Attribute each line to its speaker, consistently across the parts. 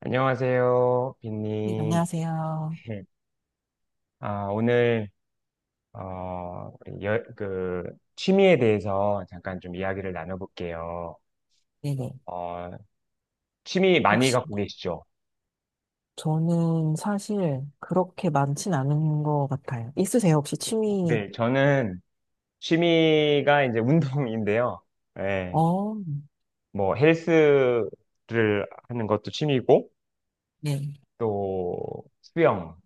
Speaker 1: 안녕하세요,
Speaker 2: 네,
Speaker 1: 빈님.
Speaker 2: 안녕하세요.
Speaker 1: 아, 오늘, 어, 우리 여- 그, 취미에 대해서 잠깐 좀 이야기를 나눠볼게요.
Speaker 2: 네네.
Speaker 1: 어, 취미 많이
Speaker 2: 혹시,
Speaker 1: 갖고 계시죠?
Speaker 2: 저는 사실 그렇게 많진 않은 것 같아요. 있으세요? 혹시 취미?
Speaker 1: 네, 저는 취미가 이제 운동인데요. 예,
Speaker 2: 어,
Speaker 1: 뭐, 헬스를 하는 것도 취미고,
Speaker 2: 네.
Speaker 1: 또, 수영.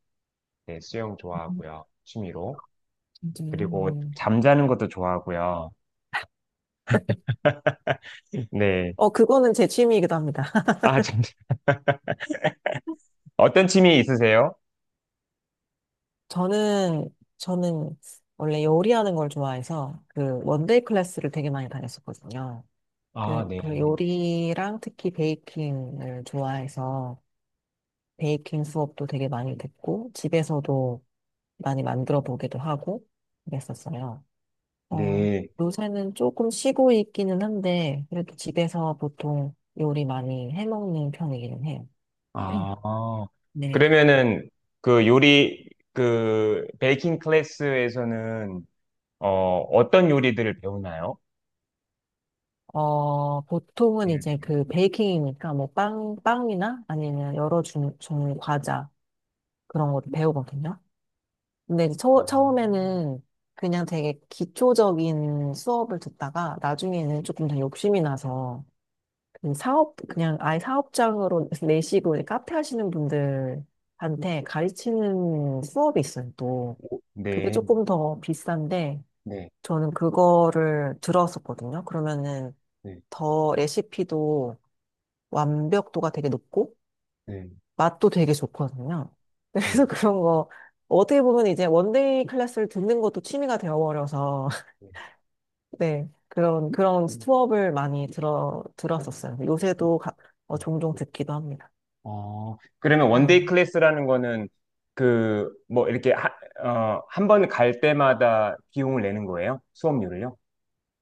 Speaker 1: 네, 수영
Speaker 2: 음,
Speaker 1: 좋아하고요. 취미로.
Speaker 2: 진짜요?
Speaker 1: 그리고
Speaker 2: 네.
Speaker 1: 잠자는 것도 좋아하고요. 네.
Speaker 2: 그거는 제 취미이기도 합니다.
Speaker 1: 아, 잠 어떤 취미 있으세요?
Speaker 2: 저는 원래 요리하는 걸 좋아해서 그 원데이 클래스를 되게 많이 다녔었거든요. 그,
Speaker 1: 아, 네.
Speaker 2: 그 요리랑 특히 베이킹을 좋아해서 베이킹 수업도 되게 많이 듣고 집에서도 많이 만들어 보기도 하고 그랬었어요. 어,
Speaker 1: 네.
Speaker 2: 요새는 조금 쉬고 있기는 한데, 그래도 집에서 보통 요리 많이 해먹는 편이기는 해요.
Speaker 1: 아,
Speaker 2: 네.
Speaker 1: 그러면은 그 요리 그 베이킹 클래스에서는 어 어떤 요리들을 배우나요?
Speaker 2: 보통은
Speaker 1: 네.
Speaker 2: 이제 그 베이킹이니까 뭐 빵이나 아니면 여러 종류 과자 그런 것도 배우거든요. 근데 이제
Speaker 1: 아,
Speaker 2: 처음에는 그냥 되게 기초적인 수업을 듣다가 나중에는 조금 더 욕심이 나서 그냥 아예 사업장으로 내시고 이제 카페 하시는 분들한테 가르치는 수업이 있어요, 또. 그게
Speaker 1: 네.
Speaker 2: 조금 더 비싼데,
Speaker 1: 네.
Speaker 2: 저는 그거를 들었었거든요. 그러면은
Speaker 1: 네.
Speaker 2: 더 레시피도 완벽도가 되게 높고,
Speaker 1: 네. 네.
Speaker 2: 맛도 되게 좋거든요.
Speaker 1: 네.
Speaker 2: 그래서 그런 거, 어떻게 보면 이제 원데이 클래스를 듣는 것도 취미가 되어버려서,
Speaker 1: 네.
Speaker 2: 네. 그런 수업을 많이 들었었어요. 요새도 종종 듣기도 합니다.
Speaker 1: 어, 그러면
Speaker 2: 네.
Speaker 1: 원데이 클래스라는 거는 그 뭐 이렇게 하, 한 번 갈 때마다 비용을 내는 거예요? 수업료를요?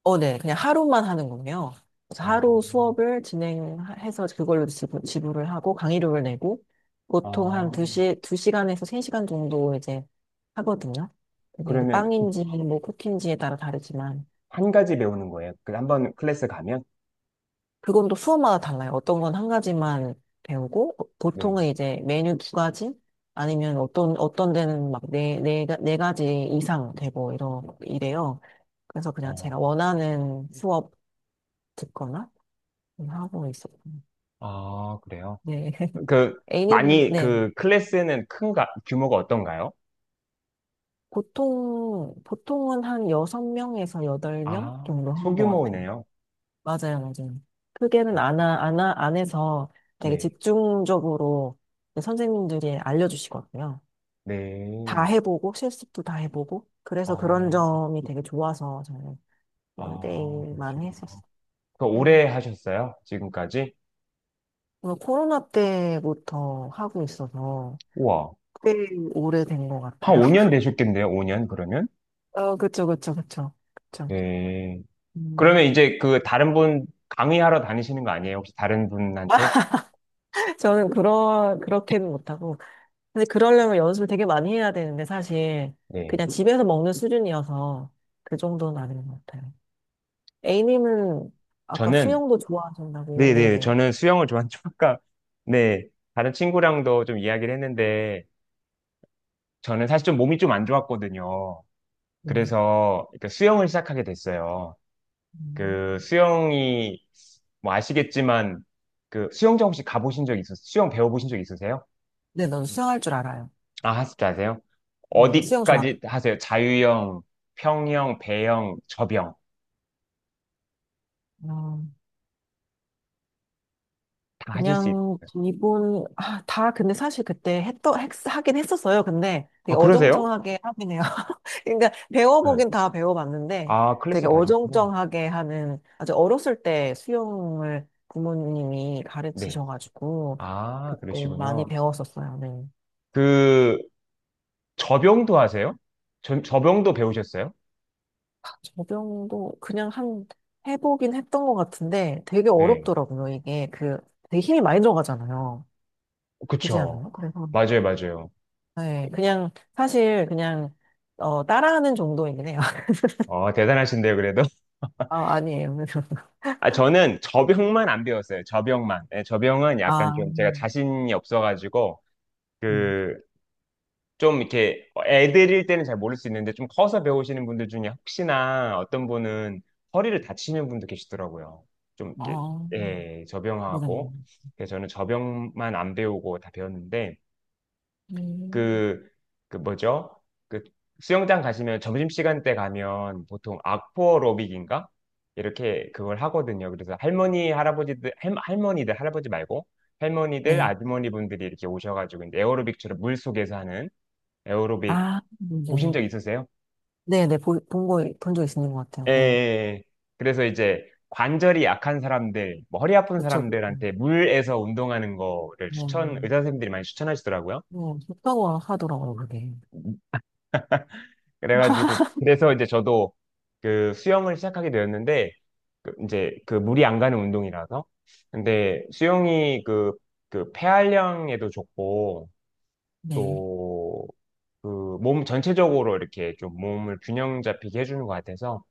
Speaker 2: 어, 네. 그냥 하루만 하는군요. 그래서
Speaker 1: 아,
Speaker 2: 하루 수업을 진행해서 그걸로 지불을 하고 강의료를 내고 보통 한
Speaker 1: 아,
Speaker 2: 2시, 두 시간에서 3시간 정도 이제 하거든요. 근데 이제
Speaker 1: 그러면
Speaker 2: 빵인지 뭐 쿠키인지에 따라 다르지만
Speaker 1: 한 가지 배우는 거예요. 그 한 번 클래스 가면?
Speaker 2: 그건 또 수업마다 달라요. 어떤 건 한 가지만 배우고
Speaker 1: 네.
Speaker 2: 보통은 이제 메뉴 두 가지 아니면 어떤 데는 막 네 가지 이상 되고 이러 이래요. 그래서 그냥
Speaker 1: 어,
Speaker 2: 제가 원하는 수업 듣거나 하고 있었어요.
Speaker 1: 아, 그래요?
Speaker 2: 네.
Speaker 1: 그,
Speaker 2: A님은,
Speaker 1: 많이,
Speaker 2: 네.
Speaker 1: 그 클래스는 큰가, 규모가 어떤가요?
Speaker 2: 보통은 한 6명에서 8명
Speaker 1: 아,
Speaker 2: 정도 하는 것 같아요.
Speaker 1: 소규모이네요.
Speaker 2: 맞아요, 맞아요.
Speaker 1: 아,
Speaker 2: 크게는 안 해서 되게
Speaker 1: 네.
Speaker 2: 집중적으로 선생님들이 알려주시거든요. 다
Speaker 1: 네.
Speaker 2: 해보고, 실습도 다 해보고. 그래서 그런
Speaker 1: 아,
Speaker 2: 점이 되게 좋아서 저는
Speaker 1: 아,
Speaker 2: 원데이만
Speaker 1: 그러시구나.
Speaker 2: 했었어요.
Speaker 1: 그
Speaker 2: 네.
Speaker 1: 오래 하셨어요? 지금까지?
Speaker 2: 오늘 코로나 때부터 하고 있어서
Speaker 1: 우와.
Speaker 2: 꽤 오래된 것
Speaker 1: 한
Speaker 2: 같아요.
Speaker 1: 5년 되셨겠네요, 5년 그러면?
Speaker 2: 그쵸, 그쵸, 그쵸. 그쵸.
Speaker 1: 네. 그러면
Speaker 2: 음.
Speaker 1: 이제 그 다른 분 강의하러 다니시는 거 아니에요? 혹시 다른 분한테?
Speaker 2: 저는 그런 그렇게는 못하고 근데 그러려면 연습을 되게 많이 해야 되는데 사실
Speaker 1: 네.
Speaker 2: 그냥 집에서 먹는 수준이어서 그 정도는 아닌 것 같아요. A님은 아까
Speaker 1: 저는
Speaker 2: 수영도 좋아하신다고
Speaker 1: 네네.
Speaker 2: 네네.
Speaker 1: 저는 수영을 좋아하죠. 아까, 네. 다른 친구랑도 좀 이야기를 했는데, 저는 사실 좀 몸이 좀 안 좋았거든요.
Speaker 2: 음.
Speaker 1: 그래서 그러니까 수영을 시작하게 됐어요. 그
Speaker 2: 음.
Speaker 1: 수영이, 뭐 아시겠지만, 그 수영장 혹시 가보신 적 있으세요? 수영 배워보신 적 있으세요?
Speaker 2: 네, 넌 수영할 줄 알아요.
Speaker 1: 아, 하실 줄 아세요?
Speaker 2: 네, 수영 좋아.
Speaker 1: 어디까지 하세요? 자유형, 평형, 배영, 접영. 다 하실 수 있...
Speaker 2: 그냥 기본 다 근데 사실 그때 하긴 했었어요. 근데 되게
Speaker 1: 아, 그러세요?
Speaker 2: 어정쩡하게 하긴 해요. 그러니까
Speaker 1: 네.
Speaker 2: 배워보긴 다 배워봤는데
Speaker 1: 아,
Speaker 2: 되게
Speaker 1: 클래스 받으셨구나.
Speaker 2: 어정쩡하게 하는 아주 어렸을 때 수영을 부모님이
Speaker 1: 네.
Speaker 2: 가르치셔가지고
Speaker 1: 아,
Speaker 2: 그때 많이
Speaker 1: 그러시군요.
Speaker 2: 배웠었어요. 네.
Speaker 1: 그, 저병도 하세요? 저병도 배우셨어요?
Speaker 2: 저병도 그냥 한 해보긴 했던 것 같은데 되게
Speaker 1: 네.
Speaker 2: 어렵더라고요. 이게 그 되게 힘이 많이 들어가잖아요. 그지
Speaker 1: 그쵸.
Speaker 2: 않아요? 그래서
Speaker 1: 맞아요, 맞아요.
Speaker 2: 네, 그냥 사실 그냥 따라하는 정도이긴 해요.
Speaker 1: 어, 대단하신데요, 그래도.
Speaker 2: 아, 아니에요.
Speaker 1: 아, 저는 저병만 안 배웠어요. 저병만. 네, 저병은 약간
Speaker 2: 아,
Speaker 1: 좀 제가 자신이 없어가지고,
Speaker 2: 음,
Speaker 1: 그, 좀 이렇게 애들일 때는 잘 모를 수 있는데, 좀 커서 배우시는 분들 중에 혹시나 어떤 분은 허리를 다치는 분도 계시더라고요. 좀 이렇게,
Speaker 2: 아,
Speaker 1: 예,
Speaker 2: 그러네요.
Speaker 1: 저병하고. 그래서 저는 저병만 안 배우고 다 배웠는데,
Speaker 2: 음.
Speaker 1: 그, 그 뭐죠? 그 수영장 가시면 점심시간 때 가면 보통 악포로빅인가? 이렇게 그걸 하거든요. 그래서 할머니들, 할아버지 말고 할머니들,
Speaker 2: 네,
Speaker 1: 아주머니 분들이 이렇게 오셔가지고 이제 에어로빅처럼 물 속에서 하는 에어로빅 보신
Speaker 2: 네,
Speaker 1: 적 있으세요?
Speaker 2: 네, 네, 본 적 있는 것 같아요.
Speaker 1: 예, 예,
Speaker 2: 네,
Speaker 1: 예. 그래서 이제 관절이 약한 사람들, 뭐 허리 아픈
Speaker 2: 그렇죠.
Speaker 1: 사람들한테 물에서 운동하는 거를
Speaker 2: 네,
Speaker 1: 추천, 의사 선생님들이 많이 추천하시더라고요.
Speaker 2: 네, 좋다고 하더라고요, 그게.
Speaker 1: 그래가지고 그래서 이제 저도 그 수영을 시작하게 되었는데 그 이제 그 물이 안 가는 운동이라서 근데 수영이 그 그 폐활량에도 좋고
Speaker 2: 네,
Speaker 1: 또 그 몸 전체적으로 이렇게 좀 몸을 균형 잡히게 해주는 것 같아서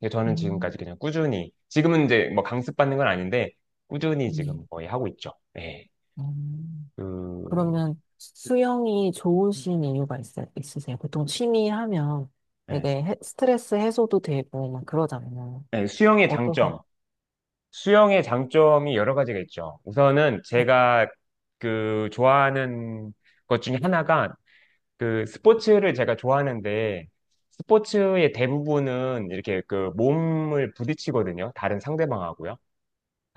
Speaker 1: 그래서 저는
Speaker 2: 음,
Speaker 1: 지금까지 그냥 꾸준히 지금은 이제 뭐 강습 받는 건 아닌데 꾸준히
Speaker 2: 음,
Speaker 1: 지금 거의 하고 있죠. 네.
Speaker 2: 음.
Speaker 1: 그
Speaker 2: 그러면 수영이 좋으신 이유가 있으세요? 보통 취미 하면
Speaker 1: 네.
Speaker 2: 되게 스트레스 해소도 되고 막 그러잖아요.
Speaker 1: 네, 수영의
Speaker 2: 어떠세요?
Speaker 1: 장점 수영의 장점이 여러 가지가 있죠. 우선은
Speaker 2: 네,
Speaker 1: 제가 그 좋아하는 것 중에 하나가 그 스포츠를 제가 좋아하는데 스포츠의 대부분은 이렇게 그 몸을 부딪히거든요. 다른 상대방하고요.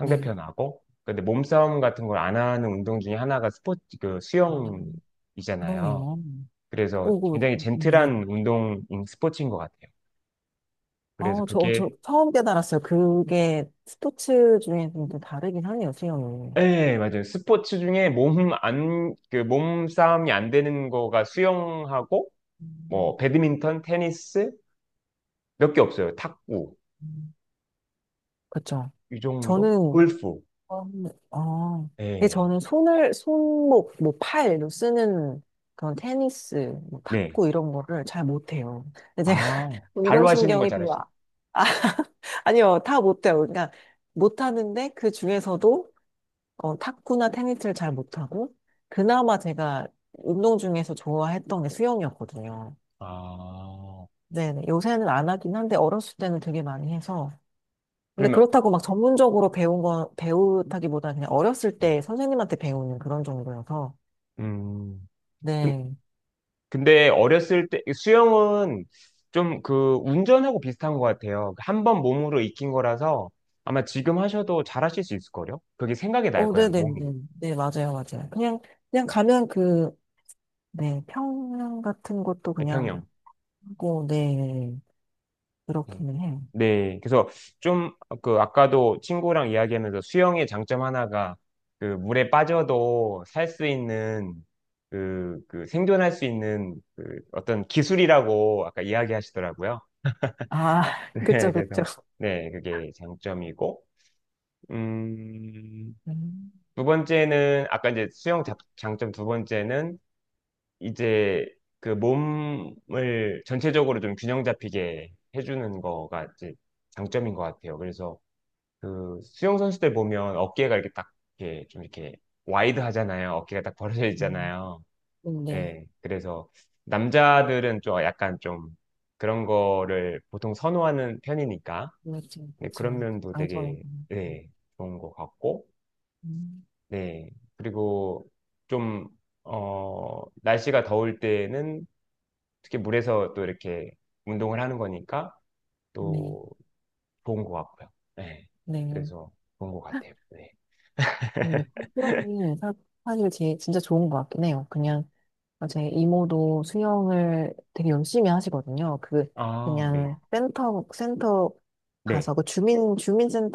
Speaker 2: 네.
Speaker 1: 근데 몸싸움 같은 걸 안 하는 운동 중에 하나가 스포츠, 그
Speaker 2: 음,
Speaker 1: 수영이잖아요.
Speaker 2: 그러네요.
Speaker 1: 그래서
Speaker 2: 오고,
Speaker 1: 굉장히
Speaker 2: 네.
Speaker 1: 젠틀한 운동인 스포츠인 것 같아요. 그래서
Speaker 2: 저
Speaker 1: 그게
Speaker 2: 처음 깨달았어요. 그게 스포츠 중에 좀 또 다르긴 하네요, 수영이.
Speaker 1: 네, 맞아요. 스포츠 중에 몸 안, 그 몸싸움이 안 되는 거가 수영하고, 뭐,
Speaker 2: 음,
Speaker 1: 배드민턴, 테니스, 몇 개 없어요. 탁구,
Speaker 2: 음. 그쵸.
Speaker 1: 이 정도?
Speaker 2: 저는,
Speaker 1: 골프.
Speaker 2: 음, 아, 근데
Speaker 1: 네
Speaker 2: 저는 손목, 뭐 팔로 쓰는 그런 테니스, 뭐
Speaker 1: 네.
Speaker 2: 탁구 이런 거를 잘 못해요. 근데 제가
Speaker 1: 아, 발로 하시는 걸
Speaker 2: 운동신경이 별로,
Speaker 1: 잘하시네.
Speaker 2: 아, 아니요, 다 못해요. 그러니까 못하는데 그 중에서도 탁구나 테니스를 잘 못하고, 그나마 제가 운동 중에서 좋아했던 게 수영이었거든요.
Speaker 1: 아,
Speaker 2: 네네. 요새는 안 하긴 한데, 어렸을 때는 되게 많이 해서. 근데
Speaker 1: 그러면,
Speaker 2: 그렇다고 막 전문적으로 배운 건, 배우다기보다 그냥 어렸을
Speaker 1: 네.
Speaker 2: 때 선생님한테 배우는 그런 정도여서.
Speaker 1: 음, 근-
Speaker 2: 네.
Speaker 1: 근데 어렸을 때, 수영은 좀 그 운전하고 비슷한 것 같아요. 한 번 몸으로 익힌 거라서 아마 지금 하셔도 잘하실 수 있을걸요? 그게 생각이 날 거예요,
Speaker 2: 네네네.
Speaker 1: 몸이.
Speaker 2: 네, 맞아요, 맞아요. 그냥 가면 네, 평양 같은 것도 그냥
Speaker 1: 평형.
Speaker 2: 하고, 네,
Speaker 1: 네.
Speaker 2: 그렇기는 해요.
Speaker 1: 네, 그래서 좀 그 아까도 친구랑 이야기하면서 수영의 장점 하나가 그 물에 빠져도 살 수 있는 그, 그 생존할 수 있는 그 어떤 기술이라고 아까 이야기하시더라고요.
Speaker 2: 아,
Speaker 1: 네,
Speaker 2: 그쵸, 그쵸.
Speaker 1: 그래서 네, 그게 장점이고 음,
Speaker 2: 음,
Speaker 1: 두 번째는 아까 이제 장점 두 번째는 이제 그 몸을 전체적으로 좀 균형 잡히게 해주는 거가 이제 장점인 것 같아요. 그래서 그 수영 선수들 보면 어깨가 이렇게 딱 이렇게 좀 이렇게 와이드 하잖아요. 어깨가 딱 벌어져
Speaker 2: 음,
Speaker 1: 있잖아요.
Speaker 2: 네.
Speaker 1: 예. 그래서 남자들은 좀 약간 좀 그런 거를 보통 선호하는 편이니까
Speaker 2: 그렇죠,
Speaker 1: 네,
Speaker 2: 그렇죠.
Speaker 1: 그런 면도
Speaker 2: 장점이.
Speaker 1: 되게 네, 좋은 것 같고
Speaker 2: 음,
Speaker 1: 네. 그리고 좀 어, 날씨가 더울 때는 특히 물에서 또 이렇게 운동을 하는 거니까
Speaker 2: 네,
Speaker 1: 또 좋은 것 같고요. 네.
Speaker 2: 네.
Speaker 1: 그래서 좋은 것 같아요. 네.
Speaker 2: 음, 수영이 사실 진짜 좋은 것 같긴 해요. 그냥 제 이모도 수영을 되게 열심히 하시거든요.
Speaker 1: 아, 네.
Speaker 2: 그냥 센터
Speaker 1: 네.
Speaker 2: 가서 그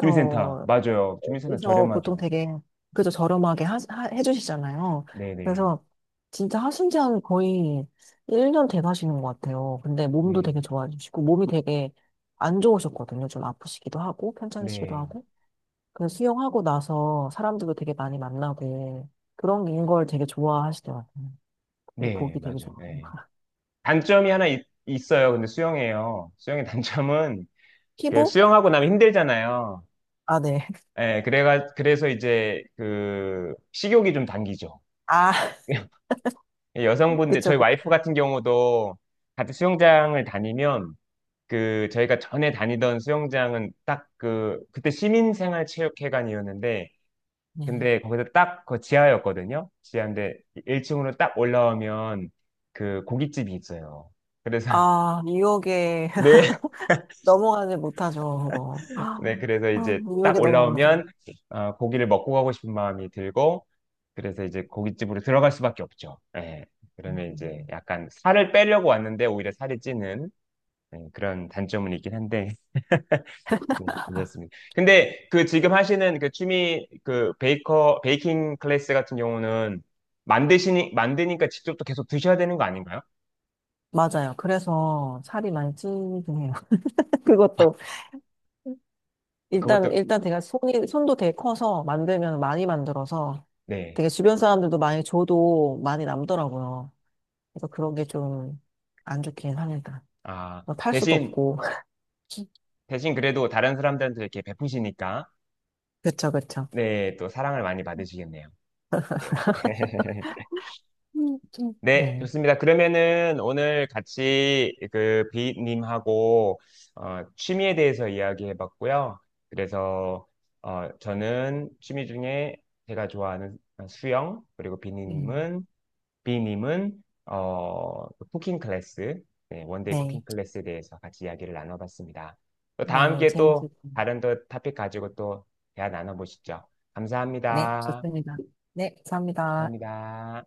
Speaker 1: 주민센터. 맞아요. 주민센터
Speaker 2: 그래서 보통
Speaker 1: 저렴하죠.
Speaker 2: 되게 그래도 저렴하게 해주시잖아요.
Speaker 1: 네네.
Speaker 2: 그래서 진짜 하신지한 거의 1년 돼가시는 것 같아요. 근데 몸도
Speaker 1: 네.
Speaker 2: 되게 좋아지시고 몸이 되게 안 좋으셨거든요. 좀 아프시기도 하고 편찮으시기도
Speaker 1: 네.
Speaker 2: 하고. 그래서 수영하고 나서 사람들도 되게 많이 만나고 그런 걸 되게 좋아하시더라고요. 근데
Speaker 1: 네.
Speaker 2: 보기 되게
Speaker 1: 맞아요.
Speaker 2: 좋고.
Speaker 1: 네. 단점이 하나 있, 어요 근데 수영이에요. 수영의 단점은 그
Speaker 2: 피부?
Speaker 1: 수영하고 나면 힘들잖아요.
Speaker 2: 아, 네.
Speaker 1: 예, 그래가 그래서 이제 그 식욕이 좀 당기죠.
Speaker 2: 아,
Speaker 1: 여성분들
Speaker 2: 그쵸,
Speaker 1: 저희
Speaker 2: 그쵸.
Speaker 1: 와이프 같은 경우도 같은 수영장을 다니면 그 저희가 전에 다니던 수영장은 딱 그 그때 시민생활체육회관이었는데
Speaker 2: 네.
Speaker 1: 근데 거기서 딱 그 지하였거든요. 지하인데 1층으로 딱 올라오면 그 고깃집이 있어요. 그래서
Speaker 2: 아, 뉴욕에
Speaker 1: 네,
Speaker 2: 넘어가지 못하죠, 그거.
Speaker 1: 네, 그래서 이제 딱
Speaker 2: 유혹에 넘어가죠.
Speaker 1: 올라오면 어, 고기를 먹고 가고 싶은 마음이 들고 그래서 이제 고깃집으로 들어갈 수밖에 없죠. 예. 그러면 이제
Speaker 2: 음,
Speaker 1: 약간 살을 빼려고 왔는데 오히려 살이 찌는 예, 그런 단점은 있긴 한데 네, 그렇습니다. 근데 그 지금 하시는 그 취미 그 베이커 베이킹 클래스 같은 경우는 만드시니 만드니까 직접 또 계속 드셔야 되는 거 아닌가요?
Speaker 2: 맞아요. 그래서 살이 많이 찌긴 해요. 그것도
Speaker 1: 그것도
Speaker 2: 일단 제가 손이 손도 되게 커서 만들면 많이 만들어서
Speaker 1: 네.
Speaker 2: 되게 주변 사람들도 많이 줘도 많이 남더라고요. 그래서 그런 게 좀 안 좋긴 합니다.
Speaker 1: 아,
Speaker 2: 뭐 팔 수도
Speaker 1: 대신
Speaker 2: 없고.
Speaker 1: 대신 그래도 다른 사람들한테 이렇게 베푸시니까
Speaker 2: 그쵸, 그쵸.
Speaker 1: 네, 또 사랑을 많이 받으시겠네요. 네. 네,
Speaker 2: 네.
Speaker 1: 좋습니다. 그러면은 오늘 같이 그 비님하고 어, 취미에 대해서 이야기해 봤고요. 그래서 어, 저는 취미 중에 제가 좋아하는 수영, 그리고
Speaker 2: 음,
Speaker 1: 비님은 비님은 어, 쿠킹 클래스, 네, 원데이
Speaker 2: 네.
Speaker 1: 쿠킹 클래스에 대해서 같이 이야기를 나눠봤습니다. 또 다음
Speaker 2: 네.
Speaker 1: 기회에
Speaker 2: 재밌을
Speaker 1: 또
Speaker 2: 겁니다.
Speaker 1: 다른 또 토픽 가지고 또 대화 나눠보시죠.
Speaker 2: 네.
Speaker 1: 감사합니다.
Speaker 2: 좋습니다. 네. 감사합니다.
Speaker 1: 감사합니다.